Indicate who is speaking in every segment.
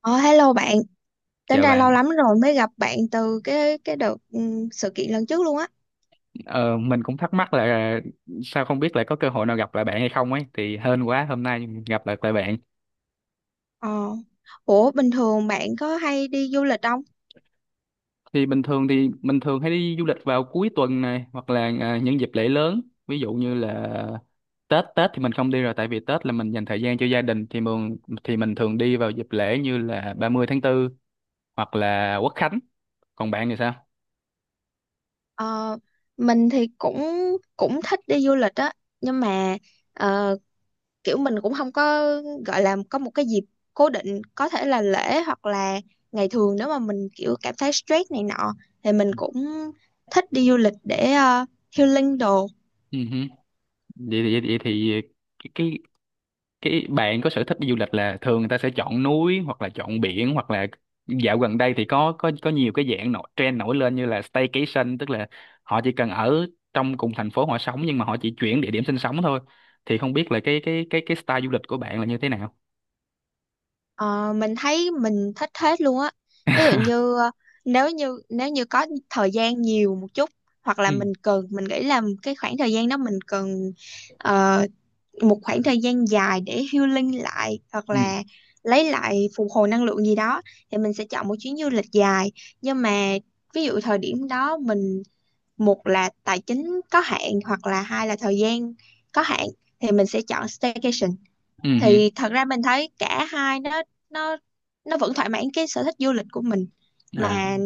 Speaker 1: Ờ, Hello bạn, tính
Speaker 2: Chào
Speaker 1: ra
Speaker 2: bạn,
Speaker 1: lâu lắm rồi mới gặp bạn từ cái đợt sự kiện lần trước luôn á.
Speaker 2: ờ, mình cũng thắc mắc là sao không biết là có cơ hội nào gặp lại bạn hay không ấy thì hên quá hôm nay gặp lại lại bạn.
Speaker 1: Ờ, Ủa bình thường bạn có hay đi du lịch không?
Speaker 2: Thì bình thường thì mình thường hay đi du lịch vào cuối tuần này hoặc là những dịp lễ lớn, ví dụ như là Tết Tết thì mình không đi rồi tại vì Tết là mình dành thời gian cho gia đình thì mình thường đi vào dịp lễ như là 30 tháng 4 hoặc là Quốc Khánh. Còn bạn thì sao?
Speaker 1: Ờ, mình thì cũng cũng thích đi du lịch á, nhưng mà ờ, kiểu mình cũng không có gọi là có một cái dịp cố định, có thể là lễ hoặc là ngày thường nếu mà mình kiểu cảm thấy stress này nọ thì mình cũng thích đi du lịch để healing đồ.
Speaker 2: Ừ hử. Vậy thì cái cái bạn có sở thích đi du lịch là thường người ta sẽ chọn núi hoặc là chọn biển hoặc là dạo gần đây thì có nhiều cái dạng nổi trend nổi lên như là staycation, tức là họ chỉ cần ở trong cùng thành phố họ sống nhưng mà họ chỉ chuyển địa điểm sinh sống thôi thì không biết là cái style du lịch của bạn là như thế nào.
Speaker 1: Ờ, mình thấy mình thích hết luôn á. Ví dụ như nếu như có thời gian nhiều một chút hoặc là
Speaker 2: Ừ
Speaker 1: mình cần, mình nghĩ là cái khoảng thời gian đó mình cần ờ, một khoảng thời gian dài để healing lại hoặc
Speaker 2: ừ
Speaker 1: là lấy lại phục hồi năng lượng gì đó thì mình sẽ chọn một chuyến du lịch dài. Nhưng mà ví dụ thời điểm đó mình một là tài chính có hạn hoặc là hai là thời gian có hạn thì mình sẽ chọn staycation.
Speaker 2: ừ ừ.
Speaker 1: Thì thật ra mình thấy cả hai nó nó nó vẫn thỏa mãn cái sở thích du lịch của mình,
Speaker 2: À.
Speaker 1: mà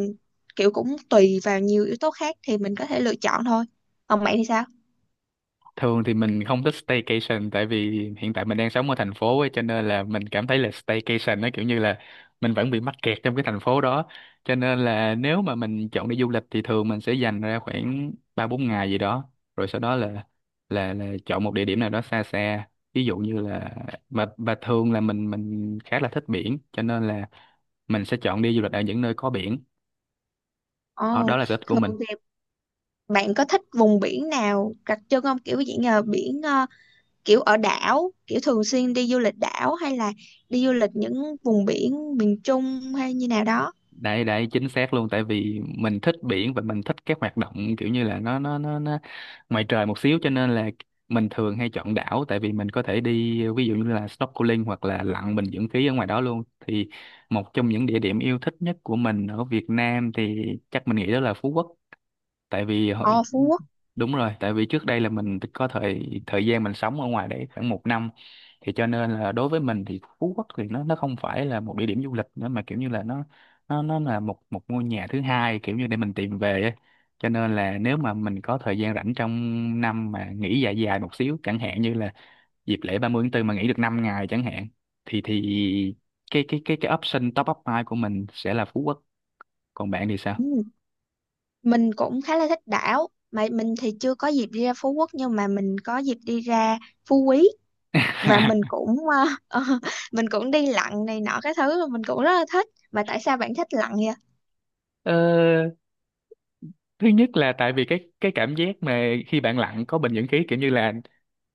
Speaker 1: kiểu cũng tùy vào nhiều yếu tố khác thì mình có thể lựa chọn thôi. Còn bạn thì sao?
Speaker 2: Thường thì mình không thích staycation tại vì hiện tại mình đang sống ở thành phố ấy, cho nên là mình cảm thấy là staycation nó kiểu như là mình vẫn bị mắc kẹt trong cái thành phố đó. Cho nên là nếu mà mình chọn đi du lịch thì thường mình sẽ dành ra khoảng 3 4 ngày gì đó. Rồi sau đó là chọn một địa điểm nào đó xa xa. Ví dụ như là và thường là mình khá là thích biển cho nên là mình sẽ chọn đi du lịch ở những nơi có biển. Đó,
Speaker 1: Ồ,
Speaker 2: đó là sở thích của mình.
Speaker 1: thường thì bạn có thích vùng biển nào đặc trưng không, kiểu dạng là biển kiểu ở đảo, kiểu thường xuyên đi du lịch đảo hay là đi du lịch những vùng biển miền Trung hay như nào đó?
Speaker 2: Đấy đấy chính xác luôn tại vì mình thích biển và mình thích các hoạt động kiểu như là nó ngoài trời một xíu cho nên là mình thường hay chọn đảo tại vì mình có thể đi ví dụ như là snorkeling hoặc là lặn bình dưỡng khí ở ngoài đó luôn thì một trong những địa điểm yêu thích nhất của mình ở Việt Nam thì chắc mình nghĩ đó là Phú Quốc. tại vì hồi,
Speaker 1: Ồ, Phú Quốc.
Speaker 2: Đúng rồi, tại vì trước đây là mình có thời thời gian mình sống ở ngoài đấy khoảng 1 năm thì cho nên là đối với mình thì Phú Quốc thì nó không phải là một địa điểm du lịch nữa mà kiểu như là nó là một một ngôi nhà thứ hai kiểu như để mình tìm về ấy. Cho nên là nếu mà mình có thời gian rảnh trong năm mà nghỉ dài dài một xíu chẳng hạn như là dịp lễ 30/4 mà nghỉ được 5 ngày chẳng hạn thì cái option top up hai của mình sẽ là Phú Quốc. Còn bạn thì sao?
Speaker 1: Ừ, mình cũng khá là thích đảo mà mình thì chưa có dịp đi ra Phú Quốc, nhưng mà mình có dịp đi ra Phú Quý. Và mình cũng mình cũng đi lặn này nọ cái thứ mình cũng rất là thích. Mà tại sao bạn thích lặn vậy?
Speaker 2: Ờ, thứ nhất là tại vì cái cảm giác mà khi bạn lặn có bình dưỡng khí kiểu như là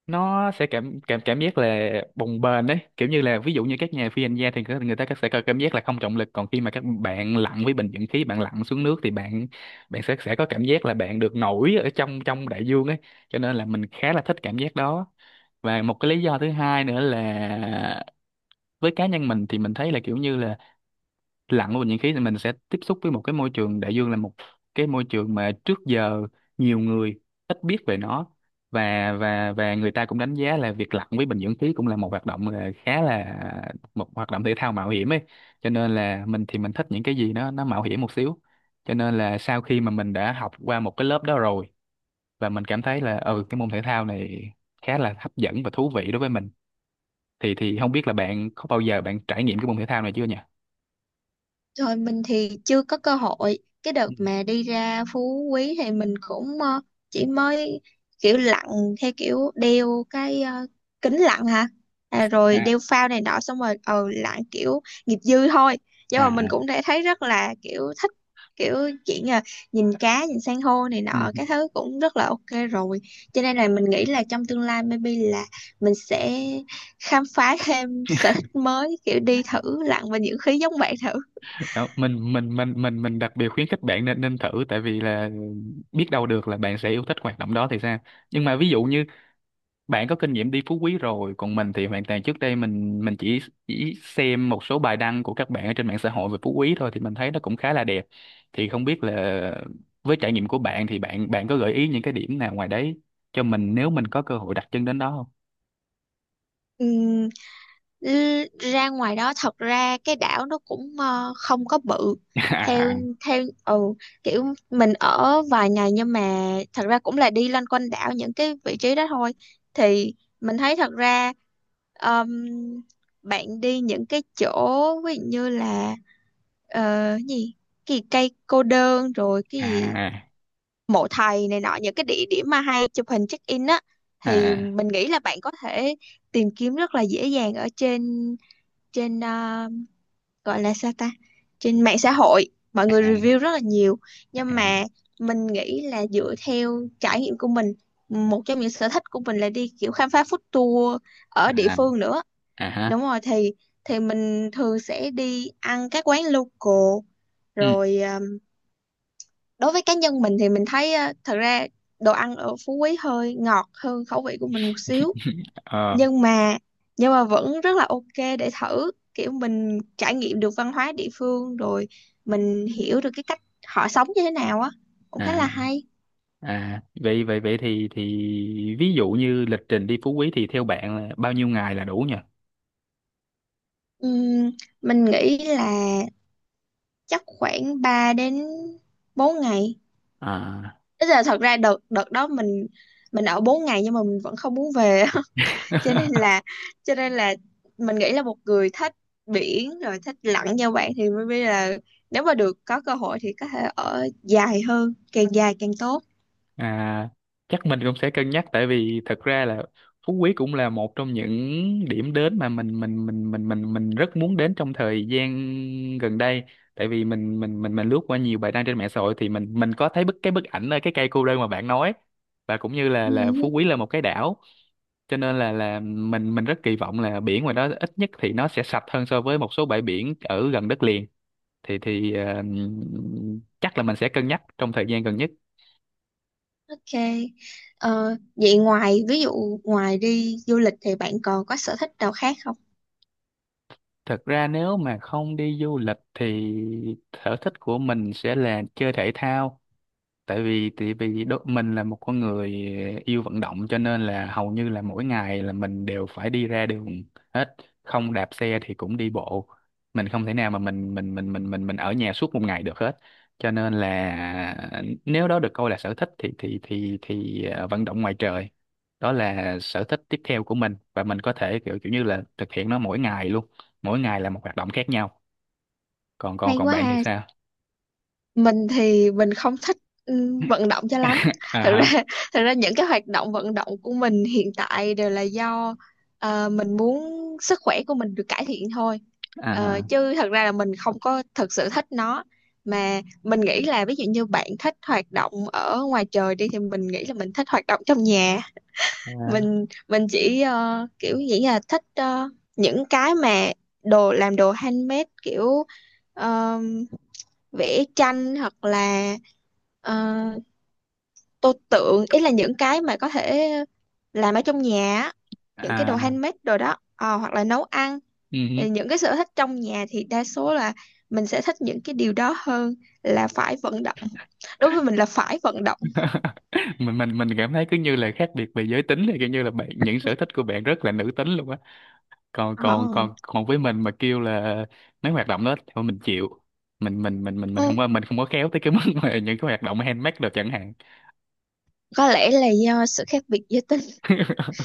Speaker 2: nó sẽ cảm cảm cảm giác là bồng bềnh đấy, kiểu như là ví dụ như các nhà phi hành gia thì người người ta sẽ có cảm giác là không trọng lực, còn khi mà các bạn lặn với bình dưỡng khí bạn lặn xuống nước thì bạn bạn sẽ có cảm giác là bạn được nổi ở trong trong đại dương ấy, cho nên là mình khá là thích cảm giác đó. Và một cái lý do thứ hai nữa là với cá nhân mình thì mình thấy là kiểu như là lặn vào bình nhiệt khí thì mình sẽ tiếp xúc với một cái môi trường đại dương là một cái môi trường mà trước giờ nhiều người ít biết về nó, và người ta cũng đánh giá là việc lặn với bình dưỡng khí cũng là một hoạt động là khá là một hoạt động thể thao mạo hiểm ấy, cho nên là mình thì mình thích những cái gì nó mạo hiểm một xíu. Cho nên là sau khi mà mình đã học qua một cái lớp đó rồi và mình cảm thấy là cái môn thể thao này khá là hấp dẫn và thú vị đối với mình thì không biết là bạn có bao giờ bạn trải nghiệm cái môn thể thao này chưa nhỉ?
Speaker 1: Rồi, mình thì chưa có cơ hội. Cái đợt
Speaker 2: Ừ.
Speaker 1: mà đi ra Phú Quý thì mình cũng chỉ mới kiểu lặn theo kiểu đeo cái kính lặn hả? À, rồi
Speaker 2: À
Speaker 1: đeo phao này nọ xong rồi lặn kiểu nghiệp dư thôi. Nhưng
Speaker 2: à
Speaker 1: mà mình
Speaker 2: à.
Speaker 1: cũng đã thấy rất là kiểu thích, kiểu chuyện là nhìn cá, nhìn san hô này
Speaker 2: Ừ.
Speaker 1: nọ cái thứ cũng rất là ok rồi. Cho nên là mình nghĩ là trong tương lai maybe là mình sẽ khám phá thêm sở thích mới, kiểu đi thử lặn và những khí giống bạn thử.
Speaker 2: Đó, mình đặc biệt khuyến khích bạn nên nên thử tại vì là biết đâu được là bạn sẽ yêu thích hoạt động đó thì sao. Nhưng mà ví dụ như bạn có kinh nghiệm đi Phú Quý rồi còn mình thì hoàn toàn trước đây mình chỉ xem một số bài đăng của các bạn ở trên mạng xã hội về Phú Quý thôi thì mình thấy nó cũng khá là đẹp thì không biết là với trải nghiệm của bạn thì bạn bạn có gợi ý những cái điểm nào ngoài đấy cho mình nếu mình có cơ hội đặt chân đến đó không?
Speaker 1: Ừm, ra ngoài đó thật ra cái đảo nó cũng không có bự theo
Speaker 2: À
Speaker 1: theo ừ kiểu mình ở vài ngày, nhưng mà thật ra cũng là đi loanh quanh đảo những cái vị trí đó thôi. Thì mình thấy thật ra ờm, bạn đi những cái chỗ ví dụ như là ờ, gì cái gì cây cô đơn rồi cái gì
Speaker 2: à
Speaker 1: mộ thầy này nọ, những cái địa điểm mà hay chụp hình check in á, thì
Speaker 2: à
Speaker 1: mình nghĩ là bạn có thể tìm kiếm rất là dễ dàng ở trên trên ờ, gọi là sao ta, trên mạng xã hội mọi người
Speaker 2: à
Speaker 1: review rất là nhiều. Nhưng mà mình nghĩ là dựa theo trải nghiệm của mình, một trong những sở thích của mình là đi kiểu khám phá food tour ở địa
Speaker 2: à à,
Speaker 1: phương nữa.
Speaker 2: à, ha.
Speaker 1: Đúng rồi, thì mình thường sẽ đi ăn các quán local
Speaker 2: Ừ.
Speaker 1: rồi. Ờ, Đối với cá nhân mình thì mình thấy thật ra đồ ăn ở Phú Quý hơi ngọt hơn khẩu vị của mình một xíu.
Speaker 2: Ờ
Speaker 1: Nhưng mà nhưng mà vẫn rất là ok để thử, kiểu mình trải nghiệm được văn hóa địa phương rồi mình hiểu được cái cách họ sống như thế nào á, cũng khá
Speaker 2: à
Speaker 1: là hay.
Speaker 2: vậy vậy vậy thì ví dụ như lịch trình đi Phú Quý thì theo bạn là bao nhiêu ngày là đủ nhỉ?
Speaker 1: Ừm, mình nghĩ là chắc khoảng 3 đến 4 ngày.
Speaker 2: À.
Speaker 1: Tức là thật ra đợt đợt đó mình ở 4 ngày nhưng mà mình vẫn không muốn về. cho nên là cho nên là mình nghĩ là một người thích biển rồi thích lặn như bạn thì mới biết là nếu mà được có cơ hội thì có thể ở dài hơn, càng dài càng tốt.
Speaker 2: À, chắc mình cũng sẽ cân nhắc tại vì thật ra là Phú Quý cũng là một trong những điểm đến mà mình rất muốn đến trong thời gian gần đây tại vì mình lướt qua nhiều bài đăng trên mạng xã hội thì mình có thấy bức ảnh ở cái cây cô đơn mà bạn nói, và cũng như là Phú
Speaker 1: Ừ,
Speaker 2: Quý là một cái đảo cho nên là mình rất kỳ vọng là biển ngoài đó ít nhất thì nó sẽ sạch hơn so với một số bãi biển ở gần đất liền thì chắc là mình sẽ cân nhắc trong thời gian gần nhất.
Speaker 1: ok. Vậy ngoài ví dụ ngoài đi du lịch thì bạn còn có sở thích nào khác không?
Speaker 2: Thật ra nếu mà không đi du lịch thì sở thích của mình sẽ là chơi thể thao tại vì mình là một con người yêu vận động cho nên là hầu như là mỗi ngày là mình đều phải đi ra đường hết, không đạp xe thì cũng đi bộ, mình không thể nào mà ở nhà suốt một ngày được hết cho nên là nếu đó được coi là sở thích thì vận động ngoài trời, đó là sở thích tiếp theo của mình và mình có thể kiểu kiểu như là thực hiện nó mỗi ngày luôn, mỗi ngày là một hoạt động khác nhau. Còn còn
Speaker 1: Hay
Speaker 2: Còn
Speaker 1: quá
Speaker 2: bạn thì
Speaker 1: ha.
Speaker 2: sao?
Speaker 1: Mình thì mình không thích vận động cho lắm. Thật
Speaker 2: À hả?
Speaker 1: ra thật ra những cái hoạt động vận động của mình hiện tại đều là do mình muốn sức khỏe của mình được cải thiện thôi. Ờ,
Speaker 2: À
Speaker 1: chứ thật ra là mình không có thực sự thích nó. Mà mình nghĩ là ví dụ như bạn thích hoạt động ở ngoài trời đi thì mình nghĩ là mình thích hoạt động trong nhà. Mình chỉ kiểu nghĩ là thích những cái mà đồ làm đồ handmade, kiểu vẽ tranh hoặc là ờ, tô tượng, ý là những cái mà có thể làm ở trong nhà á, những cái
Speaker 2: à,
Speaker 1: đồ
Speaker 2: à.
Speaker 1: handmade đồ đó. Ờ, hoặc là nấu ăn.
Speaker 2: Ừ.
Speaker 1: Thì những cái sở thích trong nhà thì đa số là mình sẽ thích những cái điều đó hơn là phải vận động, đối với mình là phải vận động.
Speaker 2: Mình cảm thấy cứ như là khác biệt về giới tính thì kiểu như là bạn những sở thích của bạn rất là nữ tính luôn á, còn còn
Speaker 1: Ờ,
Speaker 2: còn còn với mình mà kêu là mấy hoạt động đó thì thôi mình chịu, mình không
Speaker 1: không,
Speaker 2: có khéo tới cái mức mà những cái hoạt động handmade được chẳng hạn.
Speaker 1: có lẽ là do sự khác biệt giới tính.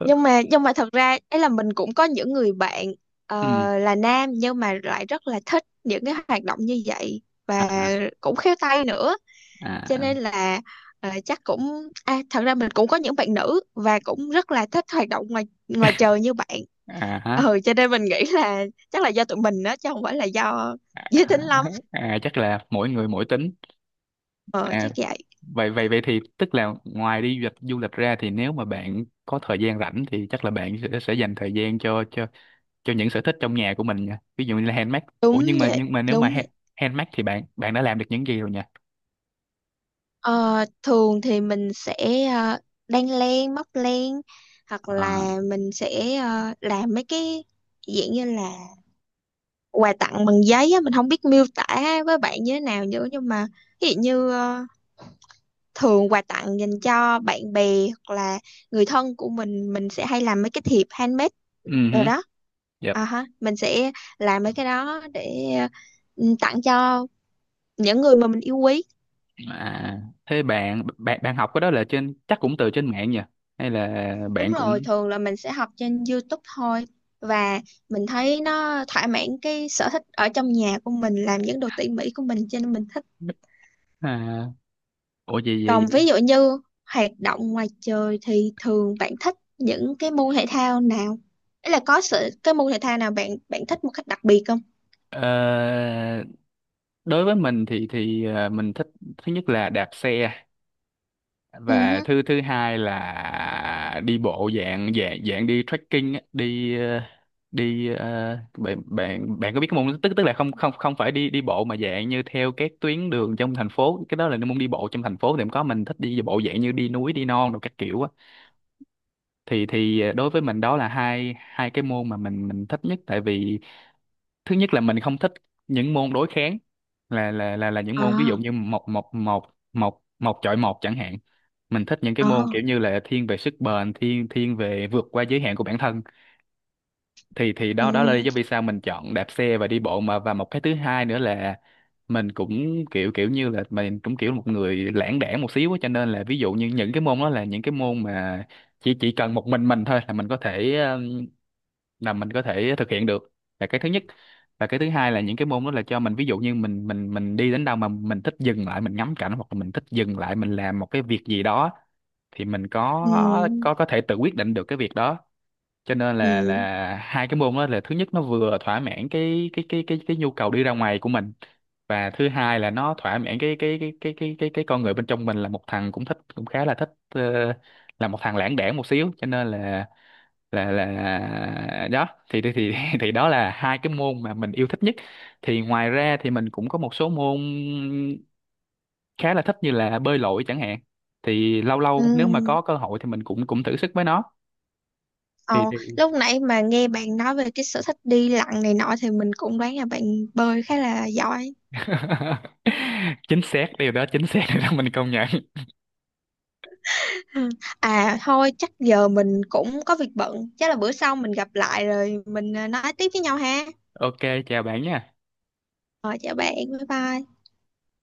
Speaker 1: Nhưng mà thật ra ấy là mình cũng có những người bạn ờ,
Speaker 2: Ừ.
Speaker 1: là nam nhưng mà lại rất là thích những cái hoạt động như vậy và
Speaker 2: À
Speaker 1: cũng khéo tay nữa. Cho
Speaker 2: à
Speaker 1: nên là chắc cũng à, thật ra mình cũng có những bạn nữ và cũng rất là thích hoạt động ngoài ngoài trời như bạn.
Speaker 2: à hả?
Speaker 1: Ừ, cho nên mình nghĩ là chắc là do tụi mình đó chứ không phải là do giới tính
Speaker 2: À,
Speaker 1: lắm.
Speaker 2: à, chắc là mỗi người mỗi tính.
Speaker 1: Ờ
Speaker 2: À
Speaker 1: chắc vậy.
Speaker 2: vậy vậy vậy thì tức là ngoài đi du lịch ra thì nếu mà bạn có thời gian rảnh thì chắc là bạn sẽ dành thời gian cho những sở thích trong nhà của mình nha, ví dụ như là handmade. Ủa,
Speaker 1: đúng vậy
Speaker 2: nhưng mà nếu
Speaker 1: đúng
Speaker 2: mà
Speaker 1: vậy
Speaker 2: handmade thì bạn bạn đã làm được những gì rồi nha?
Speaker 1: Ờ, thường thì mình sẽ ờ, đan len, móc len, hoặc
Speaker 2: À,
Speaker 1: là mình sẽ làm mấy cái dạng như là quà tặng bằng giấy á, mình không biết miêu tả với bạn như thế nào nữa. Nhưng mà ví dụ như thường quà tặng dành cho bạn bè hoặc là người thân của mình sẽ hay làm mấy cái thiệp handmade
Speaker 2: ừ
Speaker 1: rồi
Speaker 2: hử,
Speaker 1: đó.
Speaker 2: yep.
Speaker 1: À ha, mình sẽ làm mấy cái đó để tặng cho những người mà mình yêu quý.
Speaker 2: À, thế bạn bạn bạn học cái đó là trên chắc cũng từ trên mạng nhỉ, hay là
Speaker 1: Đúng
Speaker 2: bạn
Speaker 1: rồi,
Speaker 2: cũng
Speaker 1: thường là mình sẽ học trên YouTube thôi và mình thấy nó thỏa mãn cái sở thích ở trong nhà của mình, làm những đồ tỉ mỉ của mình, cho nên mình thích.
Speaker 2: à, ủa gì vậy
Speaker 1: Còn
Speaker 2: vậy?
Speaker 1: ví dụ như hoạt động ngoài trời thì thường bạn thích những cái môn thể thao nào? Ý là có sự cái môn thể thao nào bạn bạn thích một cách đặc biệt không?
Speaker 2: Ờ, đối với mình thì mình thích, thứ nhất là đạp xe
Speaker 1: Ừ
Speaker 2: và
Speaker 1: hứ.
Speaker 2: thứ thứ hai là đi bộ dạng dạng dạng đi trekking á, bạn bạn bạn có biết cái môn, tức tức là không không không phải đi đi bộ mà dạng như theo các tuyến đường trong thành phố, cái đó là môn đi bộ trong thành phố thì cũng có, mình thích đi bộ dạng như đi núi đi non đồ các kiểu á, thì đối với mình đó là hai hai cái môn mà mình thích nhất tại vì thứ nhất là mình không thích những môn đối kháng, là những môn ví
Speaker 1: À,
Speaker 2: dụ như một một một một một chọi một chẳng hạn, mình thích những cái môn
Speaker 1: à,
Speaker 2: kiểu như là thiên về sức bền, thiên thiên về vượt qua giới hạn của bản thân thì
Speaker 1: ừ,
Speaker 2: đó đó là lý do vì sao mình chọn đạp xe và đi bộ. Mà và một cái thứ hai nữa là mình cũng kiểu kiểu như là mình cũng kiểu một người lãng đãng một xíu á, cho nên là ví dụ như những cái môn đó là những cái môn mà chỉ cần một mình thôi là mình có thể, thực hiện được, là cái thứ nhất. Và cái thứ hai là những cái môn đó là cho mình ví dụ như mình đi đến đâu mà mình thích dừng lại mình ngắm cảnh hoặc là mình thích dừng lại mình làm một cái việc gì đó thì mình
Speaker 1: ừ,
Speaker 2: có thể tự quyết định được cái việc đó, cho nên là
Speaker 1: ừ,
Speaker 2: hai cái môn đó là, thứ nhất nó vừa thỏa mãn cái nhu cầu đi ra ngoài của mình, và thứ hai là nó thỏa mãn cái con người bên trong mình, là một thằng cũng thích cũng khá là thích là một thằng lãng đãng một xíu, cho nên là đó thì thì đó là hai cái môn mà mình yêu thích nhất. Thì ngoài ra thì mình cũng có một số môn khá là thích như là bơi lội chẳng hạn, thì lâu lâu nếu mà
Speaker 1: ừ.
Speaker 2: có cơ hội thì mình cũng cũng thử sức với nó. thì,
Speaker 1: Ờ,
Speaker 2: thì...
Speaker 1: lúc nãy mà nghe bạn nói về cái sở thích đi lặn này nọ thì mình cũng đoán là bạn bơi khá là giỏi.
Speaker 2: Chính xác điều đó, chính xác điều đó, mình công nhận.
Speaker 1: Ừ. À thôi chắc giờ mình cũng có việc bận. Chắc là bữa sau mình gặp lại rồi mình nói tiếp với nhau ha.
Speaker 2: Ok, chào bạn nha.
Speaker 1: Rồi, chào bạn, bye bye.